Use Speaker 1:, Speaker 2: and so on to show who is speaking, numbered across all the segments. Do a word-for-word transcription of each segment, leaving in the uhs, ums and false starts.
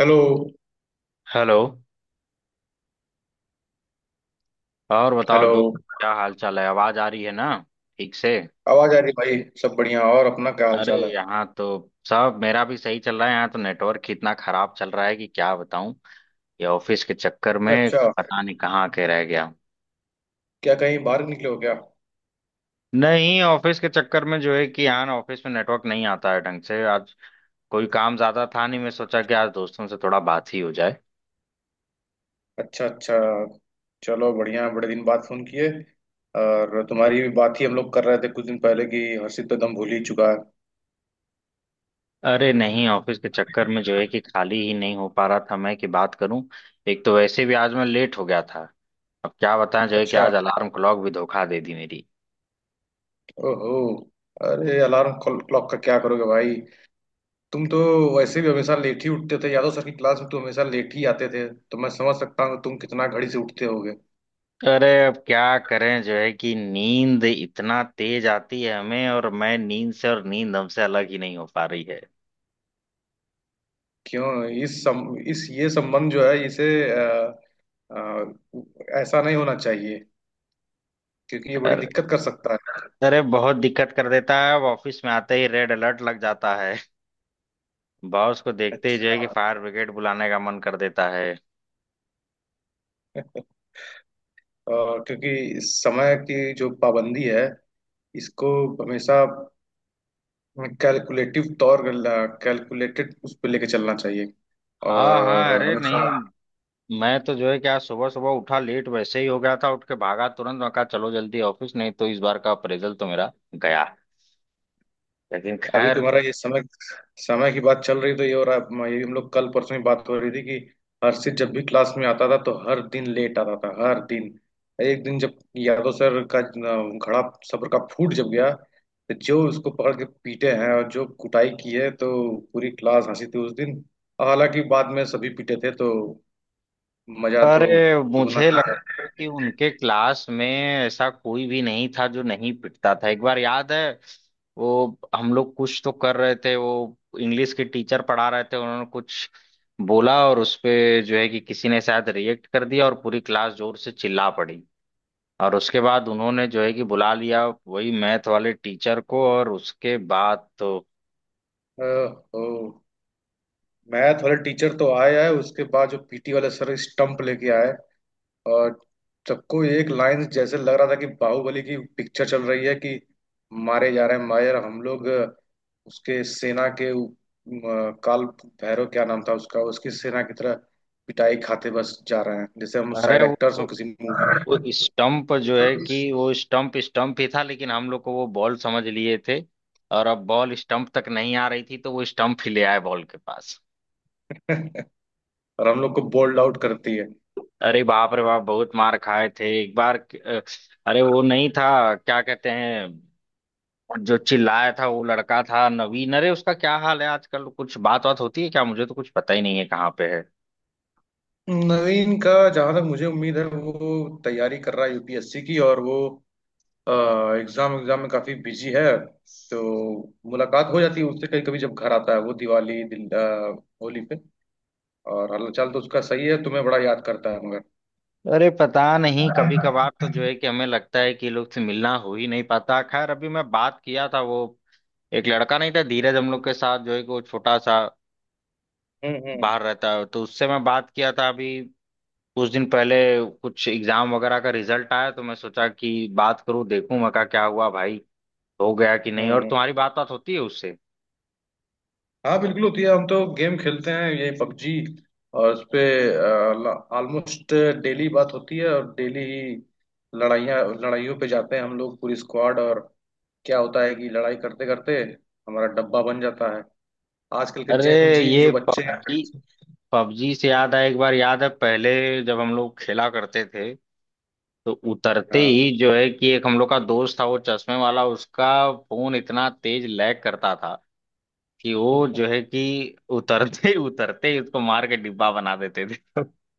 Speaker 1: Hello.
Speaker 2: Hello. और बताओ
Speaker 1: hello.
Speaker 2: दोस्त, क्या हाल चाल है? आवाज आ रही है ना, ठीक से?
Speaker 1: आवाज आ रही भाई। सब बढ़िया, और अपना क्या हाल
Speaker 2: अरे
Speaker 1: चाल है?
Speaker 2: यहाँ तो सब, मेरा भी सही चल रहा है। यहाँ तो नेटवर्क ही इतना खराब चल रहा है कि क्या बताऊं। ये ऑफिस के चक्कर
Speaker 1: अच्छा
Speaker 2: में
Speaker 1: अच्छा।
Speaker 2: पता नहीं कहाँ के रह गया।
Speaker 1: क्या कहीं बाहर निकले हो क्या?
Speaker 2: नहीं, ऑफिस के चक्कर में जो है कि यहाँ ना ऑफिस में नेटवर्क नहीं आता है ढंग से। आज कोई काम ज्यादा था नहीं, मैं सोचा कि आज दोस्तों से थोड़ा बात ही हो जाए।
Speaker 1: अच्छा अच्छा। चलो बढ़िया, बड़े दिन बाद फोन किए। और तुम्हारी भी बात ही हम लोग कर रहे थे कुछ दिन पहले कि हर्षित तो दम भूल ही चुका है।
Speaker 2: अरे नहीं, ऑफिस के चक्कर में जो है कि खाली ही नहीं हो पा रहा था मैं कि बात करूं। एक तो वैसे भी आज मैं लेट हो गया था। अब क्या बताएं, जो है कि
Speaker 1: अच्छा।
Speaker 2: आज अलार्म क्लॉक भी धोखा दे दी मेरी।
Speaker 1: ओहो। अरे अलार्म क्लॉक का क्या करोगे भाई? तुम तो वैसे भी हमेशा लेट ही उठते थे, यादव सर की क्लास में तुम हमेशा लेट ही आते थे, तो मैं समझ सकता हूँ कि तुम कितना घड़ी से उठते होगे।
Speaker 2: अरे अब क्या करें, जो है कि नींद इतना तेज आती है हमें, और मैं नींद से और नींद हमसे अलग ही नहीं हो पा रही है।
Speaker 1: क्यों इस सम, इस ये संबंध जो है इसे, आ, ऐसा नहीं होना चाहिए, क्योंकि ये बड़ी
Speaker 2: अरे,
Speaker 1: दिक्कत कर सकता है।
Speaker 2: अरे बहुत दिक्कत कर देता है। अब ऑफिस में आते ही रेड अलर्ट लग जाता है। बॉस को देखते ही जो है
Speaker 1: अच्छा।
Speaker 2: कि फायर ब्रिगेड बुलाने का मन कर देता है।
Speaker 1: आ, क्योंकि समय की जो पाबंदी है इसको हमेशा कैलकुलेटिव तौर कैलकुलेटेड उस पर लेके चलना चाहिए,
Speaker 2: हाँ
Speaker 1: और
Speaker 2: हाँ, अरे
Speaker 1: हमेशा।
Speaker 2: नहीं। मैं तो जो है कि आज सुबह सुबह उठा, लेट वैसे ही हो गया था, उठ के भागा तुरंत। मैं कहा चलो जल्दी ऑफिस, नहीं तो इस बार का अप्रेजल तो मेरा गया। लेकिन
Speaker 1: अभी
Speaker 2: खैर।
Speaker 1: तुम्हारा ये समय, समय की बात चल रही तो ये हो रहा है। म- ये हम लोग कल परसों ही बात हो रही थी कि हर्षित जब भी क्लास में आता था तो हर दिन लेट आता था, हर दिन। एक दिन जब यादव सर का न- घड़ा सब्र का फूट जब गया, तो जो उसको पकड़ के पीटे हैं और जो कुटाई की है, तो पूरी क्लास हंसी थी उस दिन। और हालांकि बाद में सभी पीटे थे, तो मजा तो
Speaker 2: अरे
Speaker 1: दुगना
Speaker 2: मुझे
Speaker 1: ही
Speaker 2: लगता है कि उनके क्लास में ऐसा कोई भी नहीं था जो नहीं पिटता था। एक बार याद है, वो हम लोग कुछ तो कर रहे थे, वो इंग्लिश के टीचर पढ़ा रहे थे। उन्होंने कुछ बोला और उस पे जो है कि किसी ने शायद रिएक्ट कर दिया, और पूरी क्लास जोर से चिल्ला पड़ी। और उसके बाद उन्होंने जो है कि बुला लिया वही मैथ वाले टीचर को, और उसके बाद तो।
Speaker 1: था। मैथ वाले टीचर तो आया है, उसके बाद जो पीटी वाले सर स्टंप लेके आए। और सबको एक लाइन जैसे लग रहा था कि बाहुबली की पिक्चर चल रही है, कि मारे जा रहे हैं। मायर हम लोग अ, उसके सेना के उ- अ, काल भैरव क्या नाम था उसका, उसकी सेना की तरह पिटाई खाते बस जा रहे हैं, जैसे हम
Speaker 2: अरे
Speaker 1: साइड
Speaker 2: वो
Speaker 1: एक्टर्स हों किसी मूवी
Speaker 2: वो
Speaker 1: में।
Speaker 2: स्टंप पर जो है कि वो स्टंप स्टंप ही था, लेकिन हम लोग को वो बॉल समझ लिए थे। और अब बॉल स्टंप तक नहीं आ रही थी तो वो स्टंप ही ले आए बॉल के पास।
Speaker 1: और हम लोग को बोल्ड आउट करती है।
Speaker 2: अरे बाप रे बाप, बहुत मार खाए थे एक बार। अ, अरे वो नहीं था क्या कहते हैं, जो चिल्लाया था वो लड़का था नवीन। अरे उसका क्या हाल है आजकल? कुछ बात बात होती है क्या? मुझे तो कुछ पता ही नहीं है कहाँ पे है।
Speaker 1: नवीन का, जहां तक मुझे उम्मीद है, वो तैयारी कर रहा है यूपीएससी की, और वो एग्जाम एग्जाम में काफी बिजी है। तो मुलाकात हो जाती है उससे कभी कभी जब घर आता है वो, दिवाली दिल, अ, होली पे। और हालचाल तो उसका सही है, तुम्हें बड़ा याद करता है मगर।
Speaker 2: अरे पता नहीं, कभी कभार तो जो है कि हमें लगता है कि ये लोग से मिलना हो ही नहीं पाता। खैर, अभी मैं बात किया था वो, एक लड़का नहीं था धीरज हम लोग के साथ, जो है कि वो छोटा सा
Speaker 1: हम्म हम्म।
Speaker 2: बाहर रहता है, तो उससे मैं बात किया था अभी, कुछ दिन पहले। कुछ एग्जाम वगैरह का रिजल्ट आया तो मैं सोचा कि बात करूं देखूं। मैं कहा क्या हुआ भाई, हो गया कि
Speaker 1: हम्म
Speaker 2: नहीं? और
Speaker 1: हम्म।
Speaker 2: तुम्हारी बात बात होती है उससे?
Speaker 1: हाँ बिल्कुल होती है। हम तो गेम खेलते हैं, यही पबजी, और उस पे ऑलमोस्ट डेली बात होती है, और डेली ही लड़ाइयाँ लड़ाइयों पे जाते हैं हम लोग, पूरी स्क्वाड। और क्या होता है कि लड़ाई करते करते हमारा डब्बा बन जाता है, आजकल के
Speaker 2: अरे
Speaker 1: जेन जी
Speaker 2: ये
Speaker 1: जो बच्चे हैं।
Speaker 2: पबजी, पबजी से याद है एक बार। याद है पहले जब हम लोग खेला करते थे, तो उतरते
Speaker 1: हाँ।
Speaker 2: ही जो है कि, एक हम लोग का दोस्त था वो चश्मे वाला, उसका फोन इतना तेज लैग करता था कि वो जो है कि उतरते ही उतरते ही उसको मार के डिब्बा बना देते थे।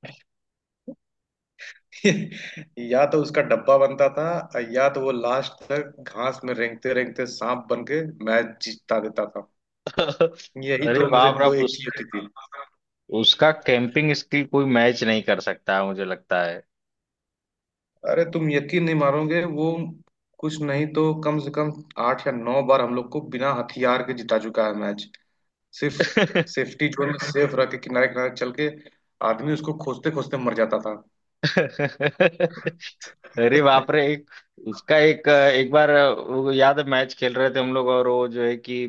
Speaker 1: या तो उसका डब्बा बनता था, या तो वो लास्ट तक घास में रेंगते रेंगते सांप बन के मैच जीता देता था। यही
Speaker 2: अरे
Speaker 1: दो में से
Speaker 2: बाप रे
Speaker 1: दो एक
Speaker 2: उस,
Speaker 1: चीज होती थी।
Speaker 2: उसका कैंपिंग स्किल कोई मैच नहीं कर सकता है मुझे लगता है।
Speaker 1: अरे तुम यकीन नहीं मारोगे, वो कुछ नहीं तो कम से कम आठ या नौ बार हम लोग को बिना हथियार के जिता चुका है मैच, सिर्फ सेफ्टी जोन में सेफ रह के, किनारे किनारे चल के। आदमी उसको खोजते खोजते मर जाता था।
Speaker 2: अरे बाप रे एक, उसका एक एक बार वो याद है, मैच खेल रहे थे हम लोग और वो जो है कि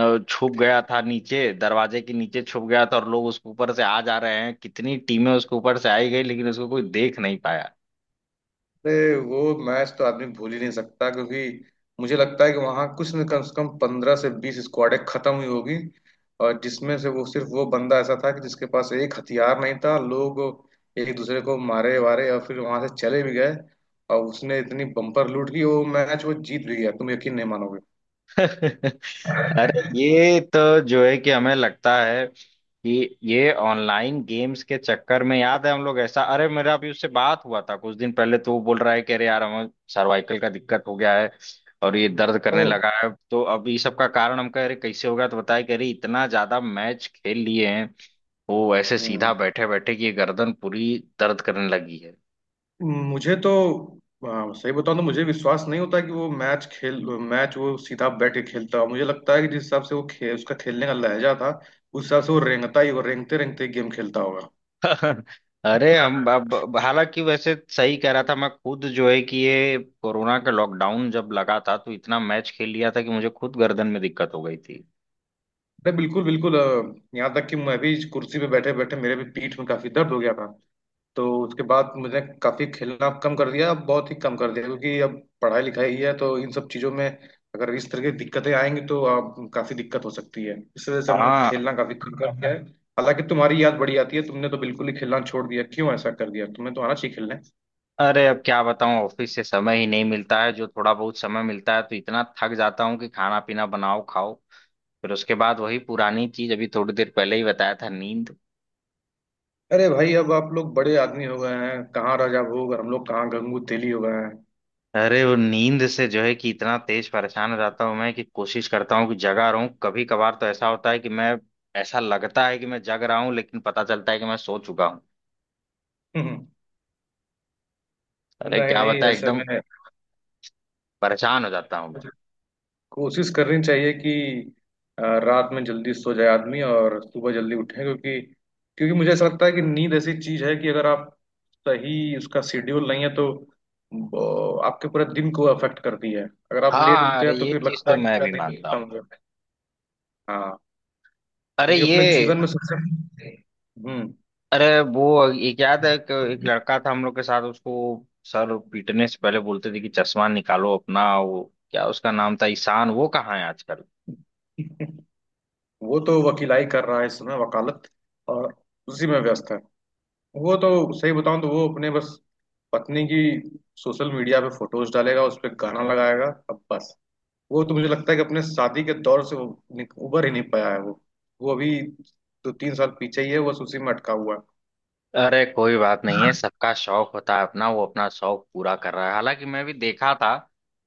Speaker 2: अ, छुप गया था नीचे, दरवाजे के नीचे छुप गया था, और लोग उसके ऊपर से आ जा रहे हैं, कितनी टीमें उसके ऊपर से आई गई लेकिन उसको कोई देख नहीं।
Speaker 1: अरे वो मैच तो आदमी भूल ही नहीं सकता, क्योंकि मुझे लगता है कि वहां कुछ न कम से कम पंद्रह से बीस स्क्वाडें खत्म हुई होगी। और जिसमें से वो, सिर्फ वो बंदा ऐसा था कि जिसके पास एक हथियार नहीं था। लोग एक दूसरे को मारे वारे और फिर वहां से चले भी गए, और उसने इतनी बम्पर लूट की वो मैच वो जीत भी गया, तुम यकीन नहीं मानोगे।
Speaker 2: अरे ये तो जो है कि हमें लगता है कि ये ऑनलाइन गेम्स के चक्कर में, याद है हम लोग ऐसा। अरे मेरा अभी उससे बात हुआ था कुछ दिन पहले, तो वो बोल रहा है कि अरे यार हमें सर्वाइकल का दिक्कत हो गया है, और ये दर्द करने लगा है। तो अब ये सब का कारण हम कह रहे कैसे हो गया, तो बताया कि अरे इतना ज्यादा मैच खेल लिए हैं वो, ऐसे
Speaker 1: ओ।
Speaker 2: सीधा बैठे बैठे कि ये गर्दन पूरी दर्द करने लगी है।
Speaker 1: मुझे तो आ, सही बताऊं तो मुझे विश्वास नहीं होता कि वो मैच खेल मैच वो सीधा बैठ के खेलता है। मुझे लगता है कि जिस हिसाब से वो खे, उसका खेलने का लहजा था, उस हिसाब से वो रेंगता ही, वो रेंगते रेंगते गेम खेलता होगा।
Speaker 2: अरे हम अब अब- हालांकि वैसे सही कह रहा था। मैं खुद जो है कि ये कोरोना का लॉकडाउन जब लगा था तो इतना मैच खेल लिया था कि मुझे खुद गर्दन में दिक्कत हो गई थी।
Speaker 1: अरे बिल्कुल बिल्कुल। अ, यहाँ तक कि मैं भी कुर्सी पे बैठे बैठे, मेरे भी पीठ में काफी दर्द हो गया था। तो उसके बाद मुझे काफी खेलना कम कर दिया, बहुत ही कम कर दिया, क्योंकि अब पढ़ाई लिखाई है, तो इन सब चीजों में अगर इस तरह की दिक्कतें आएंगी तो आप काफी दिक्कत हो सकती है, इस वजह से हम लोग
Speaker 2: हाँ।
Speaker 1: खेलना काफी कम कर दिया है। हालांकि तुम्हारी याद बड़ी आती है, तुमने तो बिल्कुल ही खेलना छोड़ दिया, क्यों ऐसा कर दिया? तुम्हें तो आना चाहिए खेलने।
Speaker 2: अरे अब क्या बताऊं, ऑफिस से समय ही नहीं मिलता है। जो थोड़ा बहुत समय मिलता है तो इतना थक जाता हूँ कि खाना पीना बनाओ खाओ, फिर उसके बाद वही पुरानी चीज, अभी थोड़ी देर पहले ही बताया था, नींद।
Speaker 1: अरे भाई, अब आप लोग बड़े आदमी हो गए हैं, कहाँ राजा भोग और हम लोग कहाँ गंगू तेली हो गए हैं।
Speaker 2: अरे वो नींद से जो है कि इतना तेज परेशान हो जाता हूँ मैं कि कोशिश करता हूँ कि जगा रहूं। कभी कभार तो ऐसा होता है कि मैं, ऐसा लगता है कि मैं जग रहा हूँ लेकिन पता चलता है कि मैं सो चुका हूँ। अरे
Speaker 1: नहीं
Speaker 2: क्या
Speaker 1: नहीं,
Speaker 2: बता,
Speaker 1: ऐसे
Speaker 2: एकदम
Speaker 1: में
Speaker 2: परेशान हो जाता हूँ मैं।
Speaker 1: कोशिश करनी चाहिए कि अ, रात में जल्दी सो जाए आदमी और सुबह जल्दी उठे, क्योंकि क्योंकि मुझे ऐसा लगता है कि नींद ऐसी चीज है कि अगर आप, सही उसका शेड्यूल नहीं है तो ब- आपके पूरे दिन को अफेक्ट करती है। अगर आप
Speaker 2: हाँ
Speaker 1: लेट
Speaker 2: हाँ,
Speaker 1: उठते
Speaker 2: अरे
Speaker 1: हैं तो
Speaker 2: ये
Speaker 1: फिर
Speaker 2: चीज
Speaker 1: लगता
Speaker 2: तो
Speaker 1: है कि
Speaker 2: मैं
Speaker 1: पूरा
Speaker 2: भी
Speaker 1: दिन
Speaker 2: मानता
Speaker 1: खत्म
Speaker 2: हूँ।
Speaker 1: हो गया। हाँ।
Speaker 2: अरे
Speaker 1: क्योंकि
Speaker 2: ये।
Speaker 1: अपने जीवन में सबसे हम्म
Speaker 2: अरे वो एक याद है कि एक लड़का था हम लोग के साथ, उसको सर पीटने से पहले बोलते थे कि चश्मा निकालो अपना, वो क्या उसका नाम था, ईशान। वो कहाँ है आजकल?
Speaker 1: वो तो वकीलाई कर रहा है इस समय, वकालत, और उसी में व्यस्त है। वो तो, सही बताऊं तो, वो अपने बस पत्नी की सोशल मीडिया पे फोटोज डालेगा, उस पर गाना लगाएगा, अब बस। वो तो मुझे लगता है कि अपने शादी के दौर से वो निक- उबर ही नहीं पाया है वो। वो अभी दो तीन साल पीछे ही है, वो उसी में अटका हुआ है।
Speaker 2: अरे कोई बात नहीं है, सबका शौक होता है अपना, वो अपना शौक पूरा कर रहा है। हालांकि मैं भी देखा था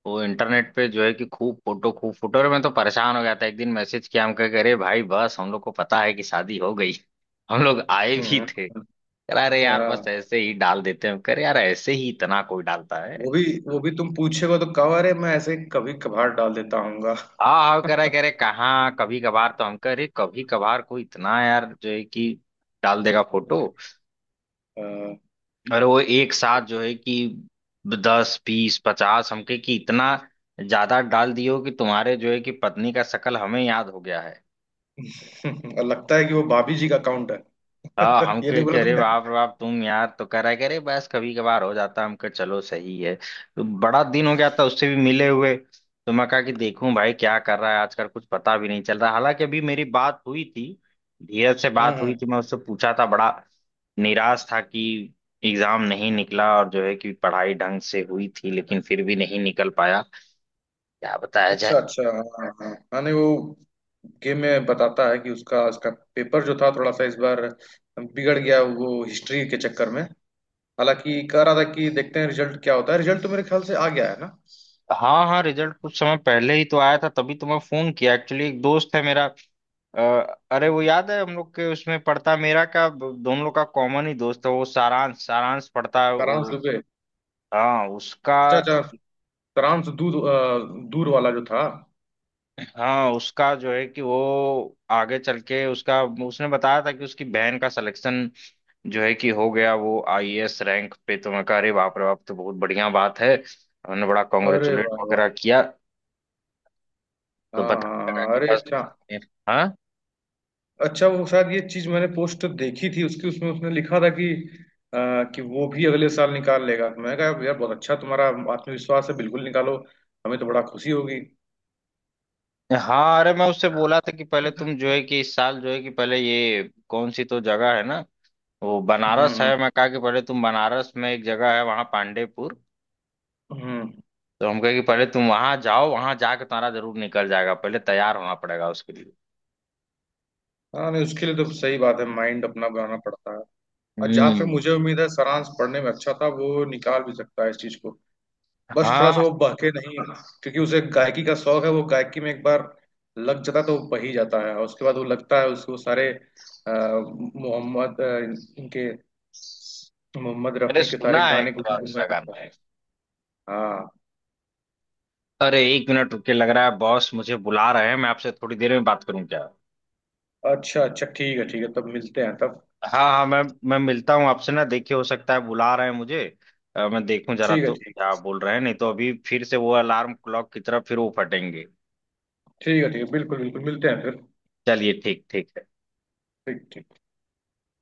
Speaker 2: वो इंटरनेट पे जो है कि खूब फोटो खूब फोटो, और मैं तो परेशान हो गया था। एक दिन मैसेज किया हम कह के, अरे भाई बस, हम लोग को पता है कि शादी हो गई। हम लोग आए भी
Speaker 1: हम्म,
Speaker 2: थे। कह रहा अरे यार बस
Speaker 1: हाँ।
Speaker 2: ऐसे ही डाल देते हैं। हम कह रहे यार, ऐसे ही इतना कोई डालता
Speaker 1: वो
Speaker 2: है?
Speaker 1: भी वो भी तुम पूछेगा तो कहा, अरे मैं ऐसे ही कभी कभार डाल देता हूँगा।
Speaker 2: हाँ हाँ, कह रहा है, कह रहे कहाँ कभी कभार? तो हम कह रहे कभी कभार कोई इतना, यार जो है कि डाल देगा फोटो, और वो एक साथ जो है कि दस बीस पचास हमके, कि इतना ज्यादा डाल दियो कि तुम्हारे जो है कि पत्नी का शकल हमें याद हो गया है।
Speaker 1: और लगता है कि वो भाभी जी का अकाउंट है।
Speaker 2: हाँ हम
Speaker 1: ये नहीं
Speaker 2: के
Speaker 1: बोला
Speaker 2: कह रहे
Speaker 1: तुमने?
Speaker 2: बाप रे बाप तुम यार, तो कह रहा करे बस कभी कभार हो जाता है। हम कहे चलो सही है। तो बड़ा दिन हो गया था उससे भी मिले हुए, तो मैं कहा कि देखूं भाई क्या कर रहा है आजकल, कुछ पता भी नहीं चल रहा। हालांकि अभी मेरी बात हुई थी, धीरज से बात हुई
Speaker 1: हम्म।
Speaker 2: थी, मैं उससे पूछा था। बड़ा निराश था कि एग्जाम नहीं निकला, और जो है कि पढ़ाई ढंग से हुई थी लेकिन फिर भी नहीं निकल पाया। क्या बताया जाए।
Speaker 1: अच्छा अच्छा, हाँ हाँ हाँ, नहीं वो गेम में बताता है कि उसका उसका पेपर जो था थोड़ा सा इस बार बिगड़ गया, वो हिस्ट्री के चक्कर में। हालांकि कह रहा था कि देखते हैं रिजल्ट क्या होता है, रिजल्ट तो मेरे ख्याल से आ गया है ना।
Speaker 2: हाँ हाँ, रिजल्ट कुछ समय पहले ही तो आया था, तभी तो मैं फोन किया। एक्चुअली एक दोस्त है मेरा, अ, अरे वो
Speaker 1: हम्म।
Speaker 2: याद है हम लोग के उसमें पढ़ता, मेरा का दोनों लोग का कॉमन ही दोस्त है वो, सारांश सारांश पढ़ता है
Speaker 1: फ्रांस
Speaker 2: वो।
Speaker 1: दुबे।
Speaker 2: हाँ उसका
Speaker 1: अच्छा अच्छा। फ्रांस दूर अ, दूर वाला जो था।
Speaker 2: हाँ उसका जो है कि वो आगे चल के उसका, उसने बताया था कि उसकी बहन का सिलेक्शन जो है कि हो गया वो आईएएस रैंक पे। तो मैं कह अरे बाप रे बाप तो बहुत बढ़िया बात है, उन्होंने बड़ा
Speaker 1: अरे
Speaker 2: कॉन्ग्रेचुलेट
Speaker 1: वाह वाह।
Speaker 2: वगैरह किया। तो
Speaker 1: हाँ हाँ
Speaker 2: बताने लगा
Speaker 1: हाँ,
Speaker 2: कि
Speaker 1: अरे
Speaker 2: बस
Speaker 1: अच्छा।
Speaker 2: बस ये- हाँ
Speaker 1: अच्छा, वो शायद ये चीज मैंने पोस्ट देखी थी उसकी, उसमें उसने लिखा था कि आ, कि वो भी अगले साल निकाल लेगा, तो मैंने कहा यार बहुत अच्छा, तुम्हारा आत्मविश्वास है, बिल्कुल निकालो, हमें तो बड़ा खुशी होगी।
Speaker 2: हाँ। अरे मैं उससे बोला था कि पहले तुम जो है कि इस साल जो है कि, पहले ये कौन सी तो जगह है ना, वो
Speaker 1: हम्म
Speaker 2: बनारस
Speaker 1: हम्म।
Speaker 2: है। मैं कहा कि पहले तुम बनारस में एक जगह है वहां पांडेपुर,
Speaker 1: हम्म।
Speaker 2: तो हम कहे कि पहले तुम वहां जाओ, वहां जाके तुम्हारा जरूर निकल जाएगा, पहले तैयार होना पड़ेगा उसके लिए।
Speaker 1: हाँ, नहीं उसके लिए तो सही बात है, माइंड अपना बनाना पड़ता है। और जहां तक
Speaker 2: हम्म।
Speaker 1: मुझे उम्मीद है, सारांश पढ़ने में अच्छा था, वो निकाल भी सकता है इस चीज को, बस थोड़ा सा
Speaker 2: हाँ,
Speaker 1: वो बहके नहीं। क्योंकि उसे गायकी का शौक है, वो गायकी में एक बार लग जाता है तो वो बह ही जाता है, और उसके बाद वो, लगता है उसको सारे अ, मोहम्मद अ, इनके मोहम्मद
Speaker 2: मैंने
Speaker 1: रफी के सारे
Speaker 2: सुना है एक
Speaker 1: गाने को
Speaker 2: दो बार
Speaker 1: गूंजने
Speaker 2: उसका
Speaker 1: लगता
Speaker 2: गाना।
Speaker 1: है। हाँ।
Speaker 2: अरे एक मिनट रुके, लग रहा है बॉस मुझे बुला रहे हैं, मैं आपसे थोड़ी देर में बात करूं क्या?
Speaker 1: अच्छा अच्छा, ठीक है ठीक है, तब मिलते हैं तब।
Speaker 2: हाँ हाँ, मैं मैं मिलता हूँ आपसे ना, देखिए हो सकता है बुला रहे हैं मुझे। अ, मैं देखूं जरा
Speaker 1: ठीक है।
Speaker 2: तो
Speaker 1: ठीक
Speaker 2: क्या बोल रहे हैं, नहीं तो अभी फिर से वो अलार्म क्लॉक की तरफ फिर वो फटेंगे।
Speaker 1: ठीक है। ठीक है, बिल्कुल बिल्कुल, मिलते हैं फिर।
Speaker 2: चलिए ठीक, ठीक है।
Speaker 1: ठीक ठीक।